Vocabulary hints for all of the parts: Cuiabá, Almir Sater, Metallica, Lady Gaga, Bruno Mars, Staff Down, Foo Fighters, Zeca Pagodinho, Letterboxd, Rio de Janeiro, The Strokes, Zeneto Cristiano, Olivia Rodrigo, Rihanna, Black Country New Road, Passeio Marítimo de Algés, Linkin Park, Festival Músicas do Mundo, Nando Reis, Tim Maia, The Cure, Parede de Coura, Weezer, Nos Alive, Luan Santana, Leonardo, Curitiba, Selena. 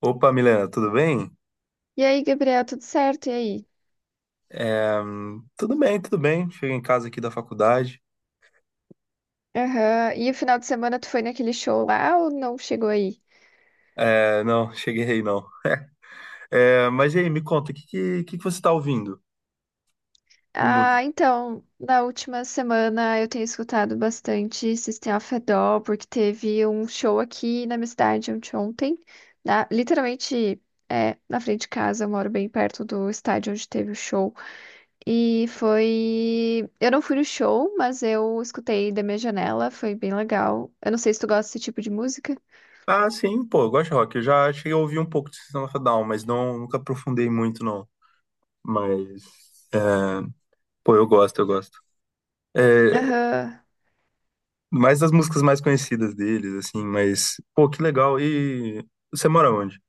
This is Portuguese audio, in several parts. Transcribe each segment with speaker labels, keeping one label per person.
Speaker 1: Opa, Milena, tudo bem?
Speaker 2: E aí, Gabriel, tudo certo? E aí?
Speaker 1: Tudo bem, tudo bem. Cheguei em casa aqui da faculdade.
Speaker 2: Aham. E o final de semana tu foi naquele show lá ou não chegou aí?
Speaker 1: Não, cheguei aí não. Mas e aí, me conta, o que que você tá ouvindo de música?
Speaker 2: Ah, então, na última semana eu tenho escutado bastante System of a Down, porque teve um show aqui na minha cidade ontem, na, literalmente na frente de casa, eu moro bem perto do estádio onde teve o show. E foi. Eu não fui no show, mas eu escutei da minha janela, foi bem legal. Eu não sei se tu gosta desse tipo de música.
Speaker 1: Ah, sim, pô, eu gosto de rock. Eu já cheguei a ouvir um pouco de System of a Down, mas não, nunca aprofundei muito, não. Mas, é, pô, eu gosto, eu gosto. É,
Speaker 2: Aham.
Speaker 1: Mais das músicas mais conhecidas deles, assim, mas, pô, que legal. E você mora onde?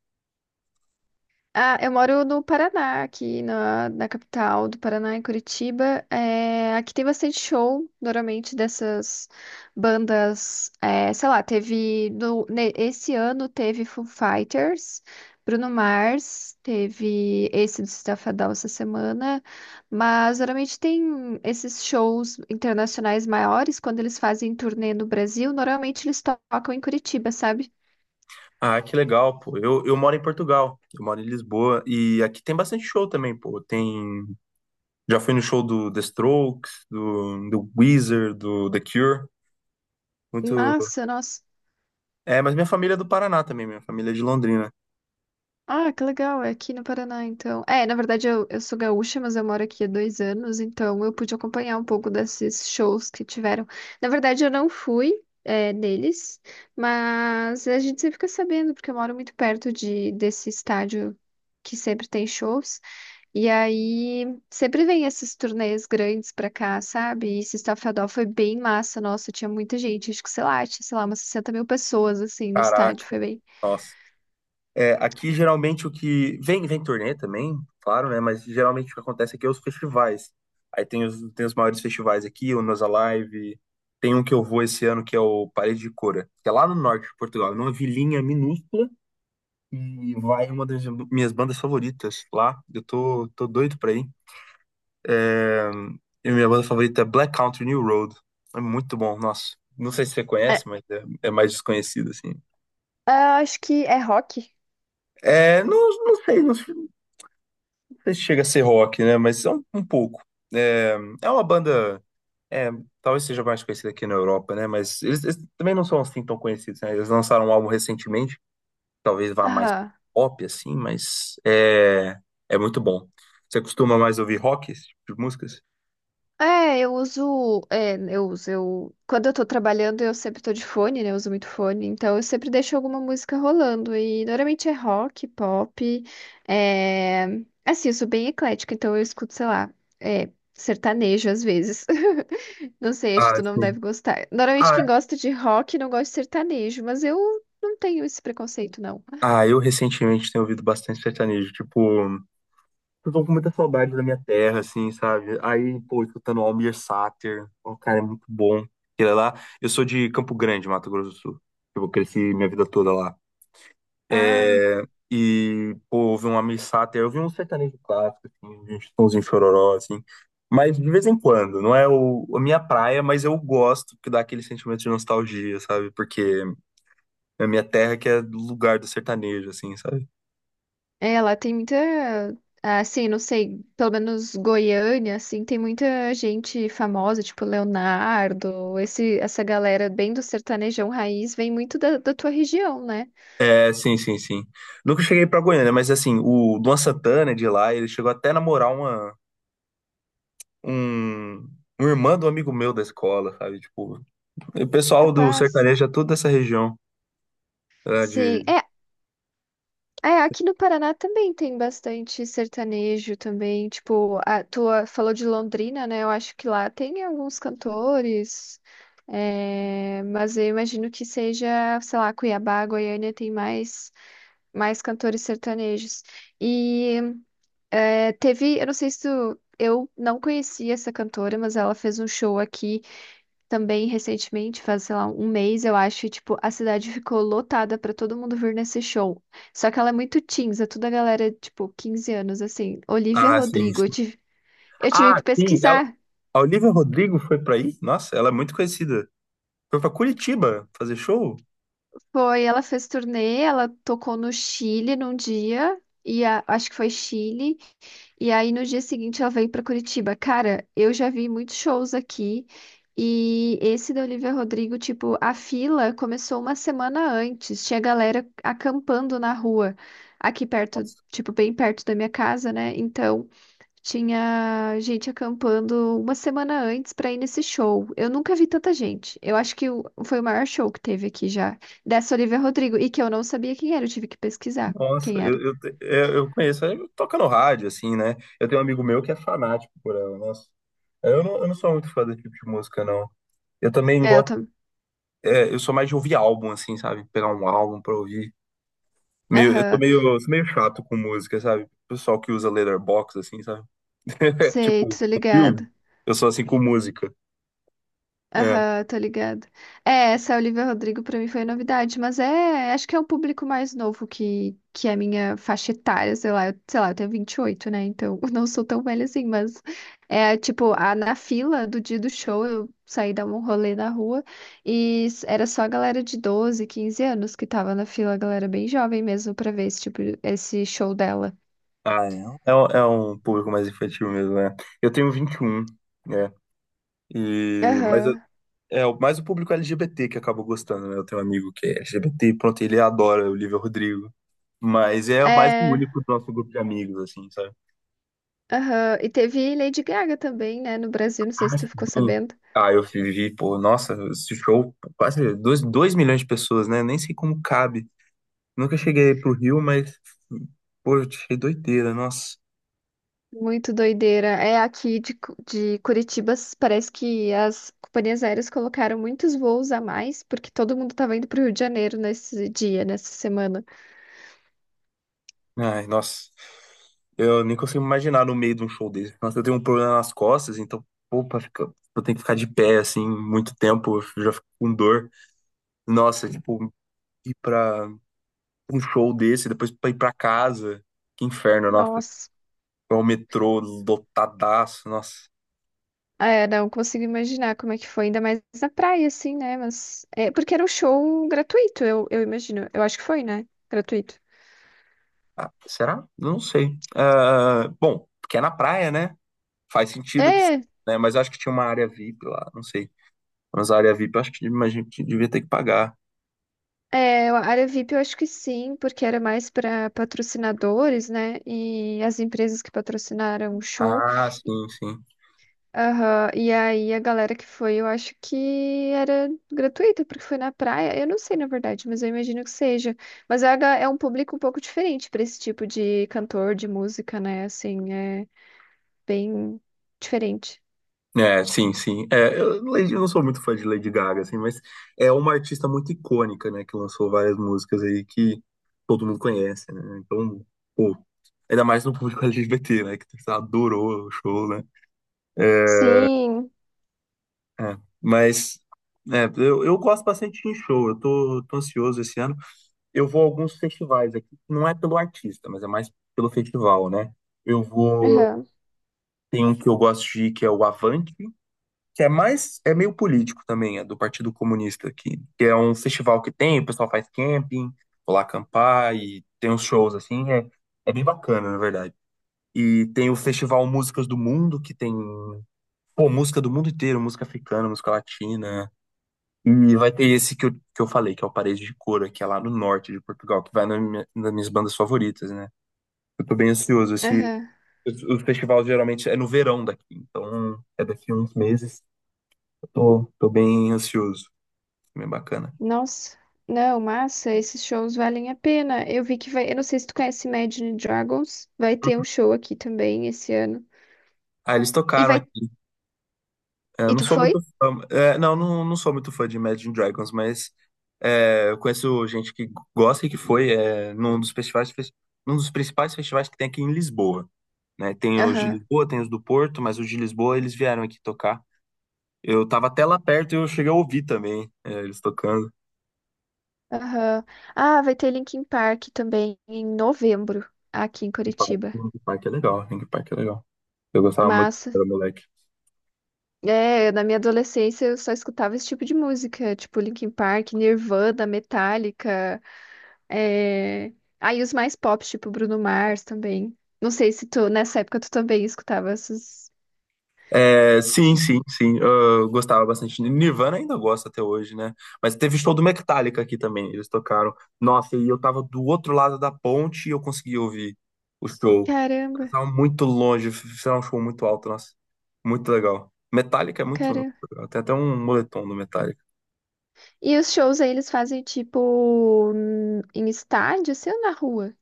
Speaker 2: Ah, eu moro no Paraná, aqui na capital do Paraná, em Curitiba. É, aqui tem bastante show, normalmente, dessas bandas. É, sei lá, teve. No, ne- Esse ano teve Foo Fighters, Bruno Mars, teve esse do Staff Down essa semana. Mas normalmente tem esses shows internacionais maiores, quando eles fazem turnê no Brasil, normalmente eles tocam em Curitiba, sabe?
Speaker 1: Ah, que legal, pô. Eu moro em Portugal, eu moro em Lisboa, e aqui tem bastante show também, pô. Tem. Já fui no show do The Strokes, do Weezer, do The Cure. Muito.
Speaker 2: Massa, nossa.
Speaker 1: Mas minha família é do Paraná também, minha família é de Londrina.
Speaker 2: Ah, que legal, é aqui no Paraná, então. É, na verdade eu sou gaúcha, mas eu moro aqui há 2 anos, então eu pude acompanhar um pouco desses shows que tiveram. Na verdade eu não fui, neles, mas a gente sempre fica sabendo, porque eu moro muito perto desse estádio que sempre tem shows, e aí sempre vem esses turnês grandes pra cá, sabe? E esse Estafadão foi bem massa, nossa, tinha muita gente, acho que sei lá, tinha, sei lá, umas 60 mil pessoas, assim, no
Speaker 1: Caraca,
Speaker 2: estádio, foi bem...
Speaker 1: nossa. Aqui geralmente o que. Vem turnê também, claro, né? Mas geralmente o que acontece aqui é os festivais. Aí tem os maiores festivais aqui, o Nos Alive. Tem um que eu vou esse ano que é o Parede de Cora, que é lá no norte de Portugal, numa vilinha minúscula. E vai uma das minhas bandas favoritas lá. Eu tô doido pra ir. É, e minha banda favorita é Black Country New Road. É muito bom, nossa. Não sei se você conhece,
Speaker 2: É,
Speaker 1: mas é mais desconhecido, assim.
Speaker 2: ah, acho que é rock.
Speaker 1: Não, não sei, sei se chega a ser rock, né? Mas é um pouco. É, É uma banda. É, Talvez seja mais conhecida aqui na Europa, né? Mas eles também não são assim tão conhecidos, né? Eles lançaram um álbum recentemente, talvez vá mais
Speaker 2: Aham.
Speaker 1: pop, assim, mas é muito bom. Você costuma mais ouvir rock, esse tipo de músicas?
Speaker 2: É, eu uso, eu, quando eu tô trabalhando, eu sempre tô de fone, né? Eu uso muito fone, então eu sempre deixo alguma música rolando e normalmente é rock, pop, é, assim, eu sou bem eclética, então eu escuto, sei lá, sertanejo às vezes. Não sei, acho que
Speaker 1: Ah,
Speaker 2: tu não
Speaker 1: sim.
Speaker 2: deve gostar. Normalmente quem
Speaker 1: Ah,
Speaker 2: gosta de rock não gosta de sertanejo, mas eu não tenho esse preconceito, não.
Speaker 1: Ah, eu recentemente tenho ouvido bastante sertanejo, tipo, eu tô com muita saudade da minha terra, assim, sabe? Aí, pô, escutando Almir Sater, o cara é muito bom. Ele é lá, eu sou de Campo Grande, Mato Grosso do Sul. Eu cresci minha vida toda lá.
Speaker 2: Ah.
Speaker 1: É, e, pô, ouvi um Almir Sater, eu vi um sertanejo clássico, assim, de um Chitãozinho Chororó, assim. Mas de vez em quando, não é a minha praia, mas eu gosto que dá aquele sentimento de nostalgia, sabe? Porque é a minha terra que é o lugar do sertanejo, assim, sabe?
Speaker 2: É, lá tem muita, assim, não sei, pelo menos Goiânia, assim, tem muita gente famosa, tipo Leonardo, esse, essa galera bem do sertanejão raiz vem muito da tua região, né?
Speaker 1: É, sim, sim, sim. Nunca cheguei pra Goiânia, né, mas assim, o Luan Santana é de lá, ele chegou até a namorar um, um irmã do amigo meu da escola, sabe? Tipo, o pessoal do
Speaker 2: Capaz.
Speaker 1: sertanejo é tudo dessa região, é,
Speaker 2: Sim,
Speaker 1: de...
Speaker 2: aqui no Paraná também tem bastante sertanejo também, tipo, a tua falou de Londrina, né? Eu acho que lá tem alguns cantores, é, mas eu imagino que seja, sei lá, Cuiabá, Goiânia tem mais cantores sertanejos. E é, teve, eu não sei se tu, eu não conhecia essa cantora, mas ela fez um show aqui também recentemente, faz, sei lá, um mês, eu acho, e, tipo, a cidade ficou lotada pra todo mundo vir nesse show. Só que ela é muito teens, é toda a galera, tipo, 15 anos, assim. Olivia
Speaker 1: Ah, sim,
Speaker 2: Rodrigo,
Speaker 1: sim.
Speaker 2: eu tive
Speaker 1: Ah,
Speaker 2: que
Speaker 1: sim,
Speaker 2: pesquisar.
Speaker 1: A Olivia Rodrigo foi pra aí? Nossa, ela é muito conhecida. Foi pra Curitiba fazer show?
Speaker 2: Foi, ela fez turnê, ela tocou no Chile num dia, e acho que foi Chile. E aí no dia seguinte ela veio pra Curitiba. Cara, eu já vi muitos shows aqui e esse da Olivia Rodrigo, tipo, a fila começou uma semana antes. Tinha galera acampando na rua aqui perto,
Speaker 1: Nossa,
Speaker 2: tipo, bem perto da minha casa, né? Então, tinha gente acampando uma semana antes pra ir nesse show. Eu nunca vi tanta gente. Eu acho que foi o maior show que teve aqui já dessa Olivia Rodrigo e que eu não sabia quem era, eu tive que pesquisar
Speaker 1: nossa,
Speaker 2: quem era.
Speaker 1: eu conheço, eu toca no rádio, assim, né? Eu tenho um amigo meu que é fanático por ela, nossa. Eu não sou muito fã desse tipo de música, não. Eu também.
Speaker 2: É, eu também.
Speaker 1: Eu sou mais de ouvir álbum, assim, sabe? Pegar um álbum pra ouvir. Eu sou meio chato com música, sabe? O pessoal que usa Letterboxd, assim, sabe? Tipo,
Speaker 2: Sei, tô
Speaker 1: com filme.
Speaker 2: ligada.
Speaker 1: Eu sou assim com música. É.
Speaker 2: Aham, tô ligada. É, essa Olivia Rodrigo pra mim foi novidade, mas é, acho que é um público mais novo que é a minha faixa etária, sei lá, eu tenho 28, né? Então, não sou tão velha assim, mas é tipo, a, na fila do dia do show, eu saí dar um rolê na rua e era só a galera de 12, 15 anos que tava na fila, a galera bem jovem mesmo pra ver esse tipo, esse show dela.
Speaker 1: Um é um público mais infantil mesmo, né? Eu tenho 21, né? E,
Speaker 2: Aham.
Speaker 1: mais o público LGBT que acabou gostando, né? Eu tenho um amigo que é LGBT, pronto, ele adora o Olivia Rodrigo. Mas é mais o
Speaker 2: É.
Speaker 1: único do nosso grupo de amigos, assim, sabe?
Speaker 2: Aham, e teve Lady Gaga também, né, no Brasil, não sei
Speaker 1: Ah,
Speaker 2: se
Speaker 1: sim.
Speaker 2: tu ficou sabendo.
Speaker 1: Ah, eu vivi, pô, nossa, esse show, quase milhões de pessoas, né? Nem sei como cabe. Nunca cheguei pro Rio, mas, pô, eu achei doideira, nossa.
Speaker 2: Muito doideira. É aqui de, de Curitiba, s- parece que as companhias aéreas colocaram muitos voos a mais, porque todo mundo tava indo pro Rio de Janeiro nesse dia, nessa semana.
Speaker 1: Ai, nossa. Eu nem consigo imaginar no meio de um show desse. Nossa, eu tenho um problema nas costas, então, pô, eu tenho que ficar de pé, assim, muito tempo, eu já fico com dor. Nossa, tipo, ir pra um show desse, depois pra ir pra casa, que inferno, nossa.
Speaker 2: Nossa.
Speaker 1: É o metrô lotadaço, nossa.
Speaker 2: É, não consigo imaginar como é que foi, ainda mais na praia, assim, né? Mas. É, porque era um show gratuito, eu imagino. Eu acho que foi, né? Gratuito.
Speaker 1: Ah, será? Eu não sei. Ah, bom, porque é na praia, né? Faz sentido que,
Speaker 2: É,
Speaker 1: né? Mas eu acho que tinha uma área VIP lá, não sei. Mas a área VIP, eu acho que a gente devia ter que pagar.
Speaker 2: É, a área VIP eu acho que sim, porque era mais para patrocinadores, né? E as empresas que patrocinaram o show.
Speaker 1: Ah, sim, sim.
Speaker 2: Aham. E aí a galera que foi, eu acho que era gratuita, porque foi na praia. Eu não sei, na verdade, mas eu imagino que seja. Mas é é um público um pouco diferente para esse tipo de cantor, de música, né? Assim, é bem diferente.
Speaker 1: É, sim, sim. Eu não sou muito fã de Lady Gaga, assim, mas é uma artista muito icônica, né? Que lançou várias músicas aí que todo mundo conhece, né? Então, pô, ainda mais no público LGBT, né? Que tipo, adorou o show, né? É,
Speaker 2: Sim.
Speaker 1: É, mas eu gosto bastante de ir em show, eu tô ansioso esse ano. Eu vou a alguns festivais aqui, não é pelo artista, mas é mais pelo festival, né? Eu vou.
Speaker 2: Aham.
Speaker 1: Tem um que eu gosto de ir, que é o Avante, que é mais, é meio político também, é do Partido Comunista aqui, que é um festival que tem, o pessoal faz camping, vou lá acampar e tem uns shows assim, é bem bacana, na verdade. E tem o Festival Músicas do Mundo, que tem, pô, música do mundo inteiro, música africana, música latina. E vai ter esse que que eu falei, que é o Parede de Coura, que é lá no norte de Portugal, que vai nas minhas bandas favoritas, né? Eu tô bem ansioso. Esse,
Speaker 2: Aham.
Speaker 1: o festival geralmente é no verão daqui, então é daqui a uns meses. Eu tô bem ansioso, bem bacana.
Speaker 2: Nossa, não, massa, esses shows valem a pena. Eu vi que vai, eu não sei se tu conhece Imagine Dragons, vai ter um show aqui também esse ano.
Speaker 1: Ah, eles
Speaker 2: E
Speaker 1: tocaram
Speaker 2: vai,
Speaker 1: aqui. Eu
Speaker 2: e
Speaker 1: não
Speaker 2: tu
Speaker 1: sou muito
Speaker 2: foi?
Speaker 1: fã, não, não, não sou muito fã de Imagine Dragons, mas eu conheço gente que gosta e que foi, num dos festivais, num dos principais festivais que tem aqui em Lisboa. Né? Tem os de
Speaker 2: Aham,
Speaker 1: Lisboa, tem os do Porto, mas os de Lisboa eles vieram aqui tocar. Eu tava até lá perto e eu cheguei a ouvir também, eles tocando.
Speaker 2: aham. Ah, vai ter Linkin Park também em novembro, aqui em
Speaker 1: Linkin Park,
Speaker 2: Curitiba.
Speaker 1: Linkin Park é legal, Linkin Park é legal. Eu gostava muito
Speaker 2: Massa.
Speaker 1: quando era moleque.
Speaker 2: É, na minha adolescência eu só escutava esse tipo de música, tipo Linkin Park, Nirvana, Metallica, é... aí os mais pop, tipo Bruno Mars também. Não sei se tu, nessa época tu também escutava esses...
Speaker 1: É, sim, sim, sim. Eu gostava bastante. Nirvana ainda gosta até hoje, né? Mas teve show do Metallica aqui também. Eles tocaram. Nossa, e eu tava do outro lado da ponte e eu consegui ouvir o show. Eles
Speaker 2: Caramba!
Speaker 1: estavam muito longe, fizeram um show muito alto, nossa. Muito legal. Metallica é muito, muito
Speaker 2: Cara.
Speaker 1: legal. Tem até um moletom do Metallica.
Speaker 2: E os shows aí eles fazem tipo em estádio, assim, ou na rua?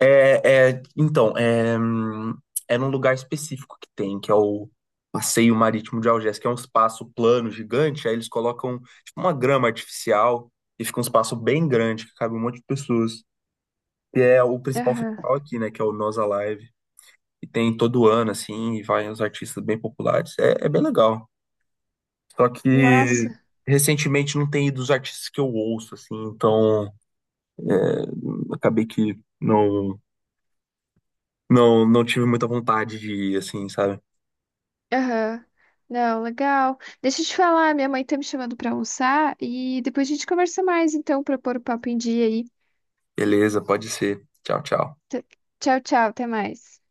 Speaker 1: Então, é num lugar específico que tem, que é o Passeio Marítimo de Algés, que é um espaço plano gigante, aí eles colocam tipo, uma grama artificial e fica um espaço bem grande que cabe um monte de pessoas. E é o principal
Speaker 2: Aham.
Speaker 1: festival aqui, né, que é o Nós Alive. E tem todo ano, assim, e vai uns artistas bem populares. É bem legal. Só que
Speaker 2: Massa.
Speaker 1: recentemente não tem ido os artistas que eu ouço, assim, então acabei que não, não, não tive muita vontade de ir, assim, sabe?
Speaker 2: Aham. Não, legal. Deixa eu te falar, minha mãe tá me chamando pra almoçar e depois a gente conversa mais, então, pra pôr o papo em dia aí.
Speaker 1: Beleza, pode ser. Tchau, tchau.
Speaker 2: T- Tchau, tchau, até mais.